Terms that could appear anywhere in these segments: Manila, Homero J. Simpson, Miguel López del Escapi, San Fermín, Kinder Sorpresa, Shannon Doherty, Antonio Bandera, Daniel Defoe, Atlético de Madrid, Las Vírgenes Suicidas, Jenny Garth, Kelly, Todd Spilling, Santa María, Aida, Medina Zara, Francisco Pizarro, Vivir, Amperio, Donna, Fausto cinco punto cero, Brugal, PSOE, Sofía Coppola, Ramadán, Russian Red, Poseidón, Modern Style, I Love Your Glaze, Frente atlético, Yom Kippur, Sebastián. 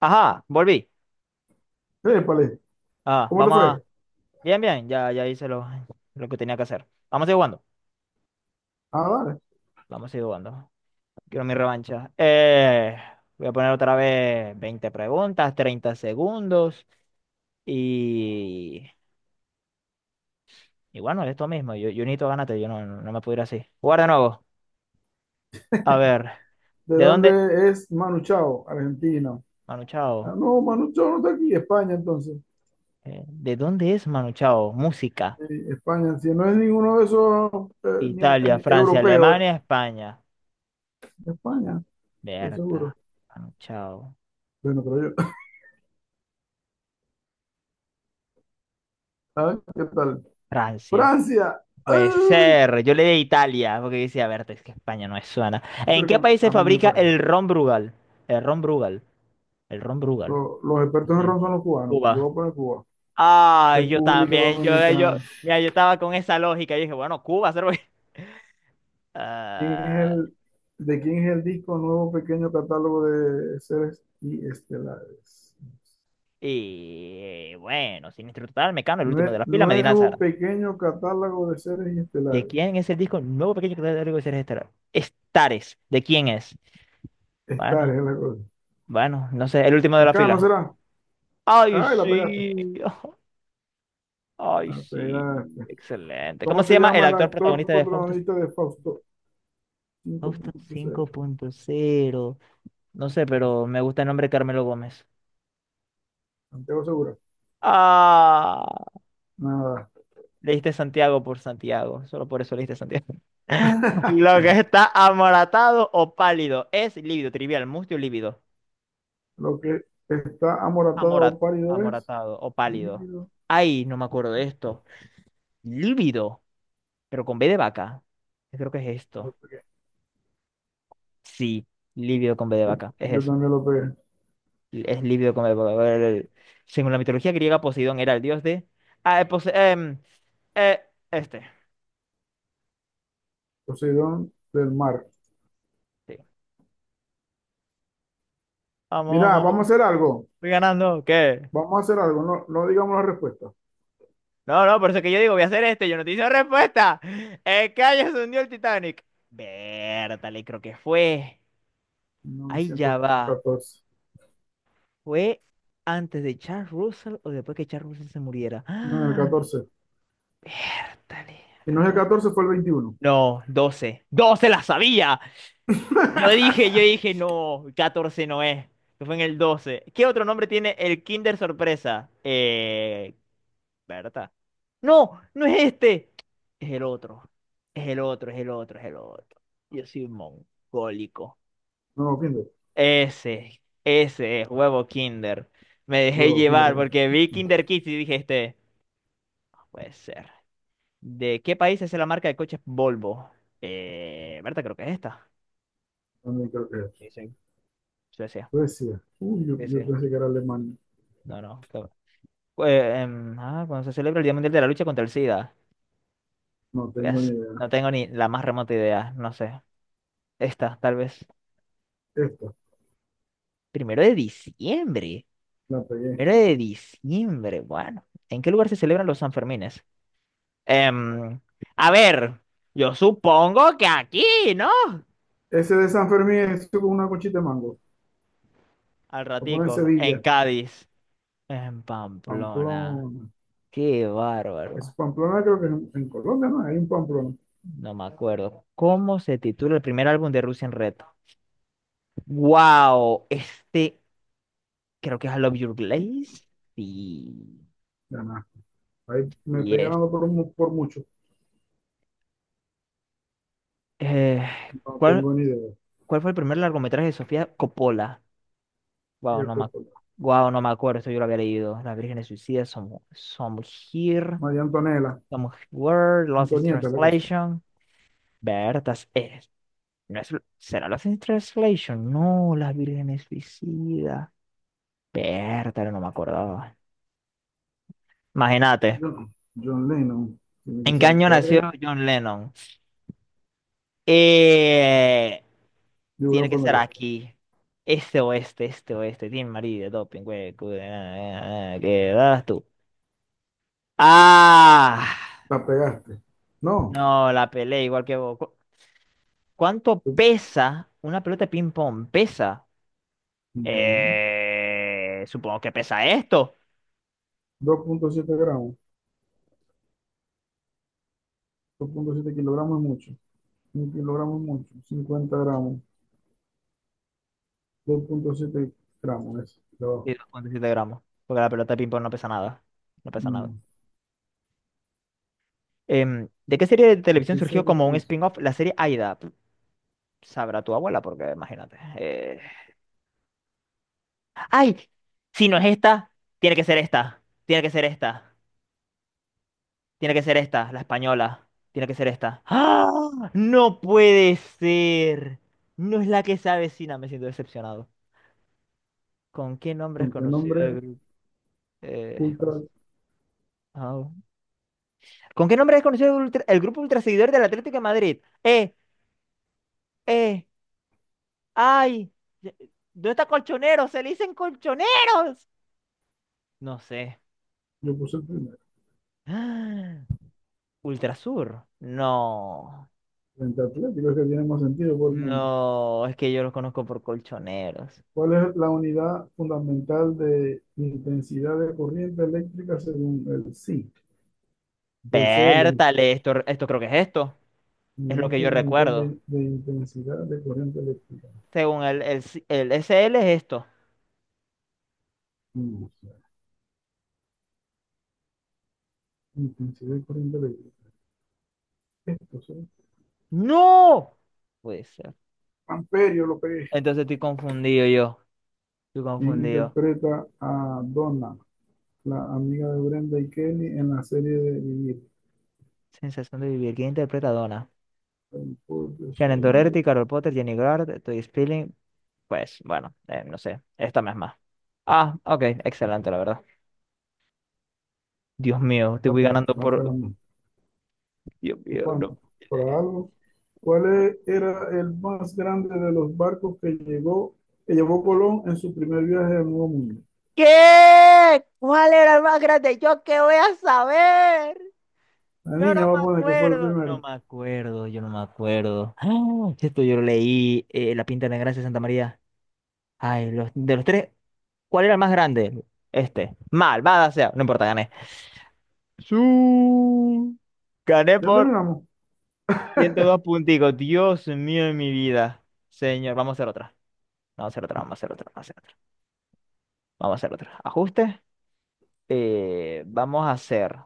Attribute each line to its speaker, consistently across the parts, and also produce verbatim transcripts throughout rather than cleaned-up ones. Speaker 1: Ajá, volví.
Speaker 2: Épale,
Speaker 1: Ah,
Speaker 2: ¿cómo te
Speaker 1: vamos a...
Speaker 2: fue?
Speaker 1: Bien, bien, ya, ya hice lo, lo que tenía que hacer. Vamos a ir jugando.
Speaker 2: Ah, vale.
Speaker 1: Vamos a ir jugando. Quiero mi revancha. Eh, voy a poner otra vez veinte preguntas, treinta segundos y... Y bueno, esto mismo. Yo, yo necesito ganarte, yo no, no me puedo ir así. Jugar de nuevo. A ver,
Speaker 2: ¿De
Speaker 1: ¿de dónde?
Speaker 2: dónde es Manu Chao? Argentina.
Speaker 1: Manu
Speaker 2: Ah,
Speaker 1: Chao.
Speaker 2: no, Manu Chao no está aquí, España entonces.
Speaker 1: Eh, ¿de dónde es Manu Chao? Música.
Speaker 2: Eh, España, si no es ninguno de esos eh, ni-
Speaker 1: Italia,
Speaker 2: ni
Speaker 1: Francia,
Speaker 2: europeos,
Speaker 1: Alemania,
Speaker 2: eh,
Speaker 1: España.
Speaker 2: España, estoy
Speaker 1: Berta.
Speaker 2: seguro.
Speaker 1: Manu Chao.
Speaker 2: Bueno, pero yo, ah, ¿qué tal?
Speaker 1: Francia.
Speaker 2: Francia.
Speaker 1: Puede
Speaker 2: ¡Ay!
Speaker 1: ser, yo le di Italia, porque yo decía, a ver, es que España no es suena. ¿En
Speaker 2: Espero
Speaker 1: qué
Speaker 2: que
Speaker 1: país se
Speaker 2: a mí me
Speaker 1: fabrica
Speaker 2: paguen.
Speaker 1: el ron Brugal? El ron Brugal, el ron Brugal,
Speaker 2: Lo- Los
Speaker 1: no
Speaker 2: expertos en
Speaker 1: sé,
Speaker 2: ron son los cubanos, pues yo
Speaker 1: Cuba.
Speaker 2: voy a poner Cuba.
Speaker 1: Ah, yo
Speaker 2: República
Speaker 1: también, yo, yo,
Speaker 2: Dominicana.
Speaker 1: mira, yo estaba con esa lógica, y dije, bueno, Cuba, ser
Speaker 2: ¿Quién es
Speaker 1: Ah,
Speaker 2: el, de quién es el disco Nuevo Pequeño Catálogo de Seres y Estelares?
Speaker 1: y eh, bueno, Siniestro Total, Mecano, el último de
Speaker 2: Nue-
Speaker 1: la fila, Medina
Speaker 2: nuevo
Speaker 1: Zara.
Speaker 2: Pequeño Catálogo de Seres
Speaker 1: ¿De
Speaker 2: Estelares.
Speaker 1: quién es el disco Nuevo Pequeño Catálogo de Seres Estelares? Estares, ¿de quién es?
Speaker 2: Estares
Speaker 1: Bueno,
Speaker 2: es la cosa.
Speaker 1: bueno, no sé, el último de la
Speaker 2: Acá no
Speaker 1: fila.
Speaker 2: será.
Speaker 1: Ay,
Speaker 2: Ay, la pegaste.
Speaker 1: sí. Ay,
Speaker 2: La
Speaker 1: sí,
Speaker 2: pegaste.
Speaker 1: excelente. ¿Cómo
Speaker 2: ¿Cómo
Speaker 1: se
Speaker 2: se
Speaker 1: llama el
Speaker 2: llama el
Speaker 1: actor
Speaker 2: actor
Speaker 1: protagonista de Fausto, c-
Speaker 2: protagonista de Fausto cinco
Speaker 1: Fausto
Speaker 2: punto
Speaker 1: cinco
Speaker 2: cero?
Speaker 1: punto cero. No sé, pero me gusta el nombre Carmelo Gómez.
Speaker 2: Santiago Segura.
Speaker 1: Ah,
Speaker 2: Nada.
Speaker 1: leíste Santiago por Santiago, solo por eso leíste Santiago. Lo que está amoratado o pálido es lívido, trivial, mustio, lívido.
Speaker 2: Lo que está amoratado o
Speaker 1: Amora-
Speaker 2: pálido es.
Speaker 1: amoratado o pálido.
Speaker 2: Líquido.
Speaker 1: Ay, no me acuerdo de esto. Lívido, pero con B de vaca. Yo creo que es
Speaker 2: Lo
Speaker 1: esto.
Speaker 2: pegué.
Speaker 1: Sí, lívido con B de vaca, es
Speaker 2: Yo
Speaker 1: eso.
Speaker 2: también lo pegué.
Speaker 1: Es lívido como el polvo. A el- Según la mitología griega, Poseidón era el dios de. Ah, eh, Pose- em, eh, este.
Speaker 2: Poseidón, del mar.
Speaker 1: Sí. Vamos,
Speaker 2: Mira,
Speaker 1: vamos,
Speaker 2: vamos a hacer algo.
Speaker 1: voy ganando. ¿Qué?
Speaker 2: Vamos a hacer algo. No, no digamos la respuesta.
Speaker 1: No, no, por eso que yo digo, voy a hacer este. Yo no te hice respuesta. El callo se hundió el Titanic. Vértale, creo que fue. Ahí
Speaker 2: novecientos
Speaker 1: ya va.
Speaker 2: catorce.
Speaker 1: ¿Fue antes de Charles Russell o después que Charles Russell se muriera?
Speaker 2: No, el
Speaker 1: ¡Ah!
Speaker 2: catorce.
Speaker 1: Vértale.
Speaker 2: Si no es el
Speaker 1: catorce.
Speaker 2: catorce, fue el veintiuno.
Speaker 1: ¡No, doce doce la sabía! Yo dije, yo dije, no, catorce no es. Esto fue en el doce. ¿Qué otro nombre tiene el Kinder Sorpresa? Eh, Berta. No, no es este. Es el otro. Es el otro, es el otro, es el otro. Yo soy mongólico.
Speaker 2: No, Kinder,
Speaker 1: Ese, ese es huevo Kinder. Me dejé
Speaker 2: huevo, Kinder,
Speaker 1: llevar
Speaker 2: eh,
Speaker 1: porque vi Kinder Kids y dije, este, no puede ser. ¿De qué país es la marca de coches Volvo? Eh, Berta, creo que es esta.
Speaker 2: también creo que es esta.
Speaker 1: Sí, sí, Suecia.
Speaker 2: Suecia. Uy, yo,
Speaker 1: Sí,
Speaker 2: yo
Speaker 1: sí.
Speaker 2: pensé que era Alemania.
Speaker 1: No, no. eh, em, ah, cuando se celebra el Día Mundial de la Lucha contra el SIDA.
Speaker 2: No tengo
Speaker 1: Pues,
Speaker 2: ni idea.
Speaker 1: no tengo ni la más remota idea, no sé. Esta, tal vez.
Speaker 2: Esta,
Speaker 1: Primero de diciembre.
Speaker 2: la pegué.
Speaker 1: Primero de diciembre, bueno. ¿En qué lugar se celebran los Sanfermines? Em, a ver, yo supongo que aquí, ¿no?
Speaker 2: Ese de San Fermín es con una conchita de mango.
Speaker 1: Al
Speaker 2: Voy a poner
Speaker 1: ratico, en
Speaker 2: Sevilla,
Speaker 1: Cádiz, en Pamplona.
Speaker 2: Pamplona.
Speaker 1: Qué
Speaker 2: Es
Speaker 1: bárbaro.
Speaker 2: Pamplona, creo que en, en Colombia no hay un Pamplona.
Speaker 1: No me acuerdo. ¿Cómo se titula el primer álbum de Russian Red? ¡Wow! Este creo que es I Love Your Glaze. Y,
Speaker 2: Ya nada. Ahí me
Speaker 1: y
Speaker 2: estoy
Speaker 1: es.
Speaker 2: ganando por, mu- por mucho.
Speaker 1: eh,
Speaker 2: No
Speaker 1: ¿cuál,
Speaker 2: tengo ni idea.
Speaker 1: cuál fue el primer largometraje de Sofía Coppola? Wow,
Speaker 2: Tía
Speaker 1: no me, ac-
Speaker 2: Coppola.
Speaker 1: guau no me acuerdo, esto yo lo había leído. Las Vírgenes Suicidas, Some, Some Here,
Speaker 2: María Antonella.
Speaker 1: Some Where, Lost in
Speaker 2: Antonieta es la cosa.
Speaker 1: Translation. Bertas, eres. No es, ¿será Lost in Translation? No, Las Vírgenes Suicidas. Bertas, no me acordaba. Imagínate.
Speaker 2: Yo no. John Lennon. Tiene que
Speaker 1: ¿En qué
Speaker 2: ser
Speaker 1: año nació
Speaker 2: cuarenta.
Speaker 1: John Lennon? Eh,
Speaker 2: Yo voy
Speaker 1: Tiene
Speaker 2: a
Speaker 1: que ser
Speaker 2: poner esta.
Speaker 1: aquí. Este oeste, este oeste. Team marido, doping, güey. cu- ah, ah, ¿Qué das tú? ¡Ah!
Speaker 2: La pegaste. No.
Speaker 1: No, la pelea igual que vos. ¿Cu- ¿Cuánto pesa una pelota de ping-pong? ¿Pesa?
Speaker 2: Ujú.
Speaker 1: Eh, supongo que pesa esto.
Speaker 2: Dos punto siete gramos. Dos punto siete kilogramos es mucho. Un kilogramo es mucho. Cincuenta gramos. Dos punto siete gramos es. De abajo.
Speaker 1: Sí, dos punto siete gramos. Porque la pelota de ping-pong no pesa nada. No pesa nada.
Speaker 2: Mm,
Speaker 1: Em, ¿de qué serie de
Speaker 2: Es
Speaker 1: televisión
Speaker 2: que ese
Speaker 1: surgió
Speaker 2: es el
Speaker 1: como un
Speaker 2: precio.
Speaker 1: spin-off la serie Aida? Sabrá tu abuela, porque imagínate. eh, Ay, si no es esta, tiene que ser esta. Tiene que ser esta. Tiene que ser esta, la española. Tiene que ser esta. ¡Ah! No puede ser. No es la que se avecina, me siento decepcionado. ¿Con qué nombre es
Speaker 2: ¿Con qué
Speaker 1: conocido el
Speaker 2: nombre
Speaker 1: grupo? Eh,
Speaker 2: ultra?
Speaker 1: au. ¿Con qué nombre es conocido el, ultra- el grupo ultraseguidor del Atlético de Madrid? Eh, eh, ay. ¿Dónde está colchoneros? Se le dicen colchoneros. No sé.
Speaker 2: Yo puse el primero.
Speaker 1: Ultrasur. No.
Speaker 2: Frente atlético es que tiene más sentido por el nombre.
Speaker 1: No, es que yo los conozco por colchoneros.
Speaker 2: ¿Cuál es la unidad fundamental de intensidad de corriente eléctrica según el S I o el C L?
Speaker 1: Vértale, esto, esto creo que es esto. Es lo
Speaker 2: Unidad
Speaker 1: que yo
Speaker 2: fundamental
Speaker 1: recuerdo.
Speaker 2: de, de intensidad de corriente eléctrica.
Speaker 1: Según el, el, C- el S L es esto.
Speaker 2: Mm, intensidad de corriente eléctrica. Esto, ¿sí?
Speaker 1: ¡No! Puede ser.
Speaker 2: Amperio, lo pegué.
Speaker 1: Entonces estoy confundido yo. Estoy
Speaker 2: E
Speaker 1: confundido.
Speaker 2: interpreta a Donna, la amiga de Brenda y Kelly en la serie de Vivir.
Speaker 1: Sensación de vivir. ¿Quién interpreta a Donna?
Speaker 2: El.
Speaker 1: Shannon Doherty, Carol Potter, Jenny Garth, Todd Spilling. Pues bueno, eh, no sé. Esta misma. Ah, ok. Excelente, la verdad. Dios mío, te voy ganando por... Dios
Speaker 2: ¿Por
Speaker 1: mío, no.
Speaker 2: cuánto? ¿Por algo? ¿Cuál e- era el más grande de los barcos que llegó, que llevó Colón en su primer viaje al Nuevo Mundo?
Speaker 1: ¿Qué? ¿Cuál era el más grande? ¿Yo qué voy a saber?
Speaker 2: La
Speaker 1: Yo no
Speaker 2: niña va a
Speaker 1: me
Speaker 2: poner que fue el
Speaker 1: acuerdo. No
Speaker 2: primero.
Speaker 1: me acuerdo, yo no me acuerdo. Ah, sí, esto yo lo leí, eh, La Pinta de la Gracia de Santa María. Ay, los, de los tres, ¿cuál era el más grande? Este. Malvada sea. No importa, gané. Su. Gané
Speaker 2: Ya
Speaker 1: por
Speaker 2: terminamos,
Speaker 1: ciento dos punticos. Dios mío de mi vida. Señor, vamos a hacer otra. Vamos a hacer otra, vamos a hacer otra, vamos a hacer otra. Vamos a hacer otra. Ajuste. Eh, vamos a hacer.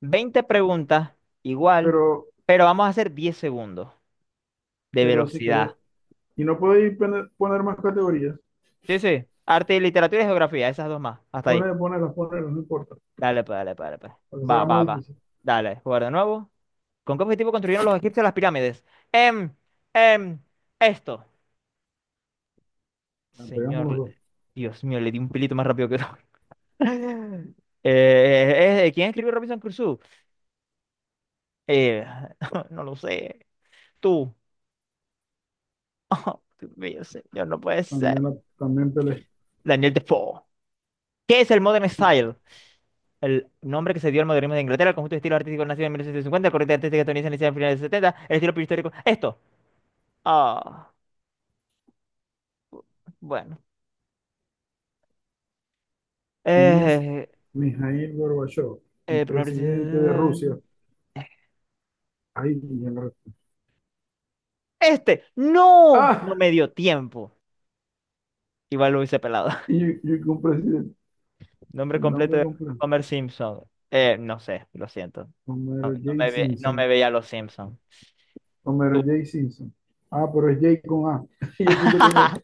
Speaker 1: Veinte preguntas, igual,
Speaker 2: pero,
Speaker 1: pero vamos a hacer diez segundos de
Speaker 2: pero si querés.
Speaker 1: velocidad.
Speaker 2: Y no podéis poner, poner más categorías.
Speaker 1: Sí, sí. Arte y literatura y geografía, esas dos más. Hasta ahí.
Speaker 2: Poner, ponerlas, ponerlas, no importa.
Speaker 1: Dale, pues, dale, pues, dale, pues.
Speaker 2: Para que se
Speaker 1: Va,
Speaker 2: haga más
Speaker 1: va, va.
Speaker 2: difícil.
Speaker 1: Dale, jugar de nuevo. ¿Con qué objetivo construyeron los egipcios las pirámides? Em, em, esto.
Speaker 2: La pegamos los
Speaker 1: Señor,
Speaker 2: dos.
Speaker 1: Dios mío, le di un pelito más rápido que todo. Eh, eh, eh, ¿quién escribió Robinson Crusoe? Eh, no lo sé. Tú. Oh, Dios mío, señor, no puede
Speaker 2: También,
Speaker 1: ser.
Speaker 2: la- también peleé.
Speaker 1: Daniel Defoe. ¿Qué es el Modern Style? El nombre que se dio al modernismo de Inglaterra, el conjunto de estilos artísticos nacido en mil novecientos cincuenta, el corriente artística estadounidense iniciada en finales de los setenta, el estilo prehistórico. Esto. Ah, bueno.
Speaker 2: ¿Quién es
Speaker 1: Eh,
Speaker 2: Mijaíl Gorbachov? El
Speaker 1: eh, primer
Speaker 2: presidente de Rusia.
Speaker 1: presidente-
Speaker 2: Ahí, ya la respuesta.
Speaker 1: Este. ¡No! No
Speaker 2: ¡Ah!
Speaker 1: me dio tiempo. Igual lo hice pelado.
Speaker 2: Y yo, yo con presidente.
Speaker 1: Nombre
Speaker 2: El
Speaker 1: completo
Speaker 2: nombre
Speaker 1: de
Speaker 2: completo.
Speaker 1: Homer Simpson. Eh, no sé, lo siento. No,
Speaker 2: Homero
Speaker 1: no
Speaker 2: J.
Speaker 1: me, ve- no me
Speaker 2: Simpson.
Speaker 1: veía los Simpson.
Speaker 2: Homero
Speaker 1: Tú.
Speaker 2: J. Simpson. Ah, pero es J con A. Y yo puse con E.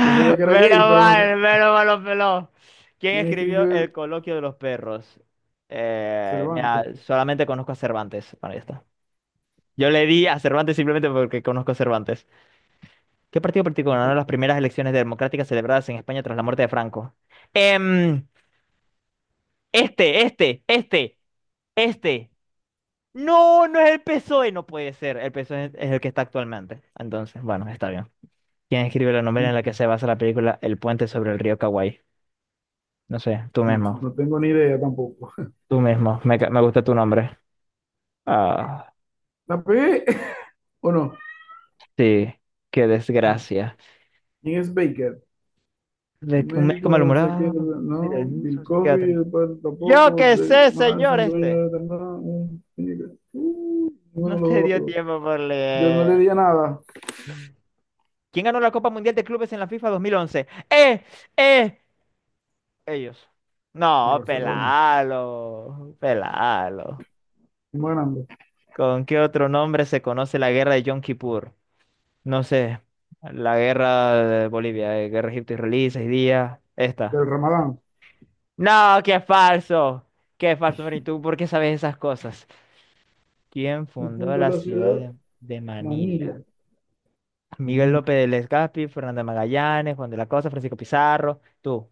Speaker 2: Yo sabía que era J,
Speaker 1: Menos
Speaker 2: pero no
Speaker 1: mal,
Speaker 2: sé.
Speaker 1: menos mal los peló. ¿Quién
Speaker 2: ¿Quién
Speaker 1: escribió
Speaker 2: escribió
Speaker 1: El
Speaker 2: el
Speaker 1: coloquio de los perros? Eh, mira,
Speaker 2: Cervantes?
Speaker 1: solamente conozco a Cervantes. Bueno, ya está. Yo le di a Cervantes simplemente porque conozco a Cervantes. ¿Qué partido político ganó las primeras elecciones democráticas celebradas en España tras la muerte de Franco? Em, este, este, este, este. No, no es el PSOE. No puede ser. El PSOE es es el que está actualmente. Entonces, bueno, está bien. ¿Quién escribe la novela en la que se basa la película El puente sobre el río Kawaii? No sé, tú
Speaker 2: No,
Speaker 1: mismo,
Speaker 2: no tengo ni idea tampoco.
Speaker 1: tú mismo, me, ca- me gusta tu nombre. Ah,
Speaker 2: ¿La pegué o no?
Speaker 1: sí, qué desgracia.
Speaker 2: ¿Quién es Baker?
Speaker 1: De- un médico
Speaker 2: Médico, no sé qué,
Speaker 1: malhumorado,
Speaker 2: no,
Speaker 1: un
Speaker 2: Bill
Speaker 1: psiquiatra.
Speaker 2: Cosby, después
Speaker 1: Yo
Speaker 2: tampoco,
Speaker 1: qué
Speaker 2: de,
Speaker 1: sé, señor
Speaker 2: Manson,
Speaker 1: este.
Speaker 2: dueño de nada, un, uh, ninguno de los
Speaker 1: No te
Speaker 2: dos lo
Speaker 1: dio
Speaker 2: pegó.
Speaker 1: tiempo por
Speaker 2: Yo no le
Speaker 1: leer.
Speaker 2: di a nada
Speaker 1: ¿Quién ganó la Copa Mundial de Clubes en la FIFA dos mil once? ¡Eh! ¡Eh! Ellos.
Speaker 2: en
Speaker 1: No,
Speaker 2: Barcelona,
Speaker 1: pelalo, pelalo.
Speaker 2: fuimos ganando,
Speaker 1: ¿Con qué otro nombre se conoce la guerra de Yom Kippur? No sé, la guerra de Bolivia, eh, guerra egipto-israelí, seis días, esta.
Speaker 2: del Ramadán.
Speaker 1: No, qué falso, qué falso, Mary, ¿tú por qué sabes esas cosas? ¿Quién
Speaker 2: ¿Quién
Speaker 1: fundó
Speaker 2: fundó
Speaker 1: la
Speaker 2: la
Speaker 1: ciudad
Speaker 2: ciudad?
Speaker 1: de, de
Speaker 2: Manila,
Speaker 1: Manila? Miguel
Speaker 2: Manila,
Speaker 1: López del Escapi, Fernando de Magallanes, Juan de la Cosa, Francisco Pizarro, tú,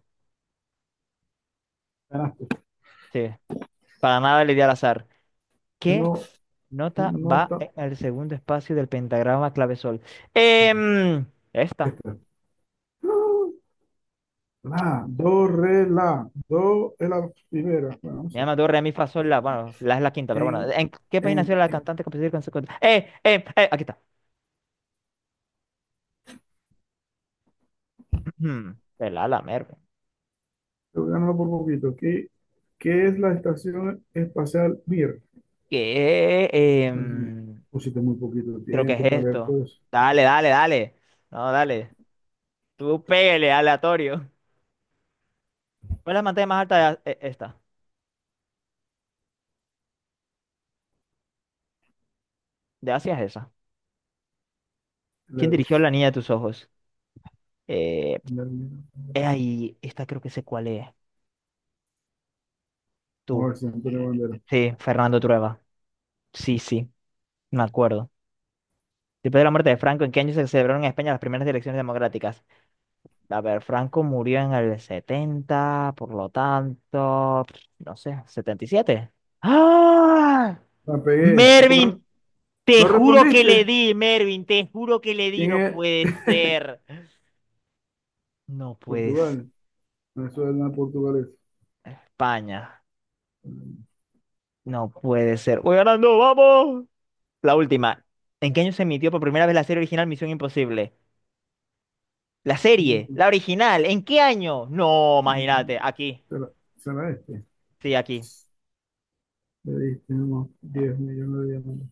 Speaker 2: ganaste.
Speaker 1: sí, para nada le di al azar.
Speaker 2: Yo
Speaker 1: ¿Qué
Speaker 2: no,
Speaker 1: nota
Speaker 2: no,
Speaker 1: va
Speaker 2: ta-
Speaker 1: en el segundo espacio del pentagrama clave sol? Em, esta.
Speaker 2: la, do, re, la, do es la primera, bueno, no
Speaker 1: Mi
Speaker 2: sé.
Speaker 1: ama, do, re, mi, fa, sol, la. Bueno, la es la quinta, pero bueno.
Speaker 2: En,
Speaker 1: ¿En qué país nació
Speaker 2: en,
Speaker 1: la
Speaker 2: en-
Speaker 1: cantante, compositora y consecuente? ¡Eh, eh, eh! Aquí está. El ala, merve.
Speaker 2: yo gano por poquito. ¿Qué, qué es la Estación Espacial Mir?
Speaker 1: ¿Qué?
Speaker 2: Entonces,
Speaker 1: Em,
Speaker 2: pusiste muy poquito
Speaker 1: creo que
Speaker 2: tiempo
Speaker 1: es
Speaker 2: para leer
Speaker 1: esto.
Speaker 2: todo eso.
Speaker 1: Dale, dale, dale. No, dale. Tú pégale, aleatorio. ¿Cuál es la pantalla más alta de A- e- esta? De Asia es esa. ¿Quién dirigió
Speaker 2: Leves.
Speaker 1: La Niña de tus Ojos? Eh,
Speaker 2: Vamos
Speaker 1: eh, ahí, esta creo que sé cuál es.
Speaker 2: a
Speaker 1: Tú.
Speaker 2: ver si Antonio Bandera.
Speaker 1: Sí, Fernando Trueba. Sí, sí, me acuerdo. Después de la muerte de Franco, ¿en qué año se celebraron en España las primeras elecciones democráticas? A ver, Franco murió en el setenta por lo tanto, no sé, setenta y siete. ¡Ah!
Speaker 2: La pegué. ¿Por qué?
Speaker 1: Mervin, te
Speaker 2: ¿No? ¿No
Speaker 1: juro que le
Speaker 2: respondiste?
Speaker 1: di, Mervin, te juro que le di,
Speaker 2: ¿Quién
Speaker 1: no
Speaker 2: es?
Speaker 1: puede ser. No puede ser.
Speaker 2: Portugal. Venezuela, Portugal es.
Speaker 1: España, no puede ser. Voy ganando, vamos. La última. ¿En qué año se emitió por primera vez la serie original Misión Imposible? La serie, la original, ¿en qué año? No, imagínate, aquí.
Speaker 2: Será, será este.
Speaker 1: Sí, aquí.
Speaker 2: Le diste unos diez millones de diamantes.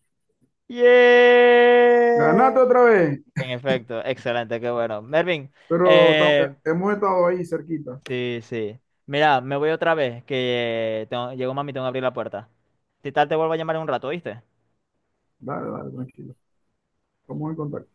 Speaker 1: ¡Yeah!
Speaker 2: Ganate otra vez,
Speaker 1: En efecto, excelente, qué bueno. Mervin,
Speaker 2: pero eh,
Speaker 1: eh,
Speaker 2: hemos estado ahí cerquita.
Speaker 1: sí, sí. Mira, me voy otra vez, que eh, tengo- llegó mami, tengo que abrir la puerta. Si tal, te vuelvo a llamar en un rato, ¿viste?
Speaker 2: Dale, dale, tranquilo. Estamos en contacto.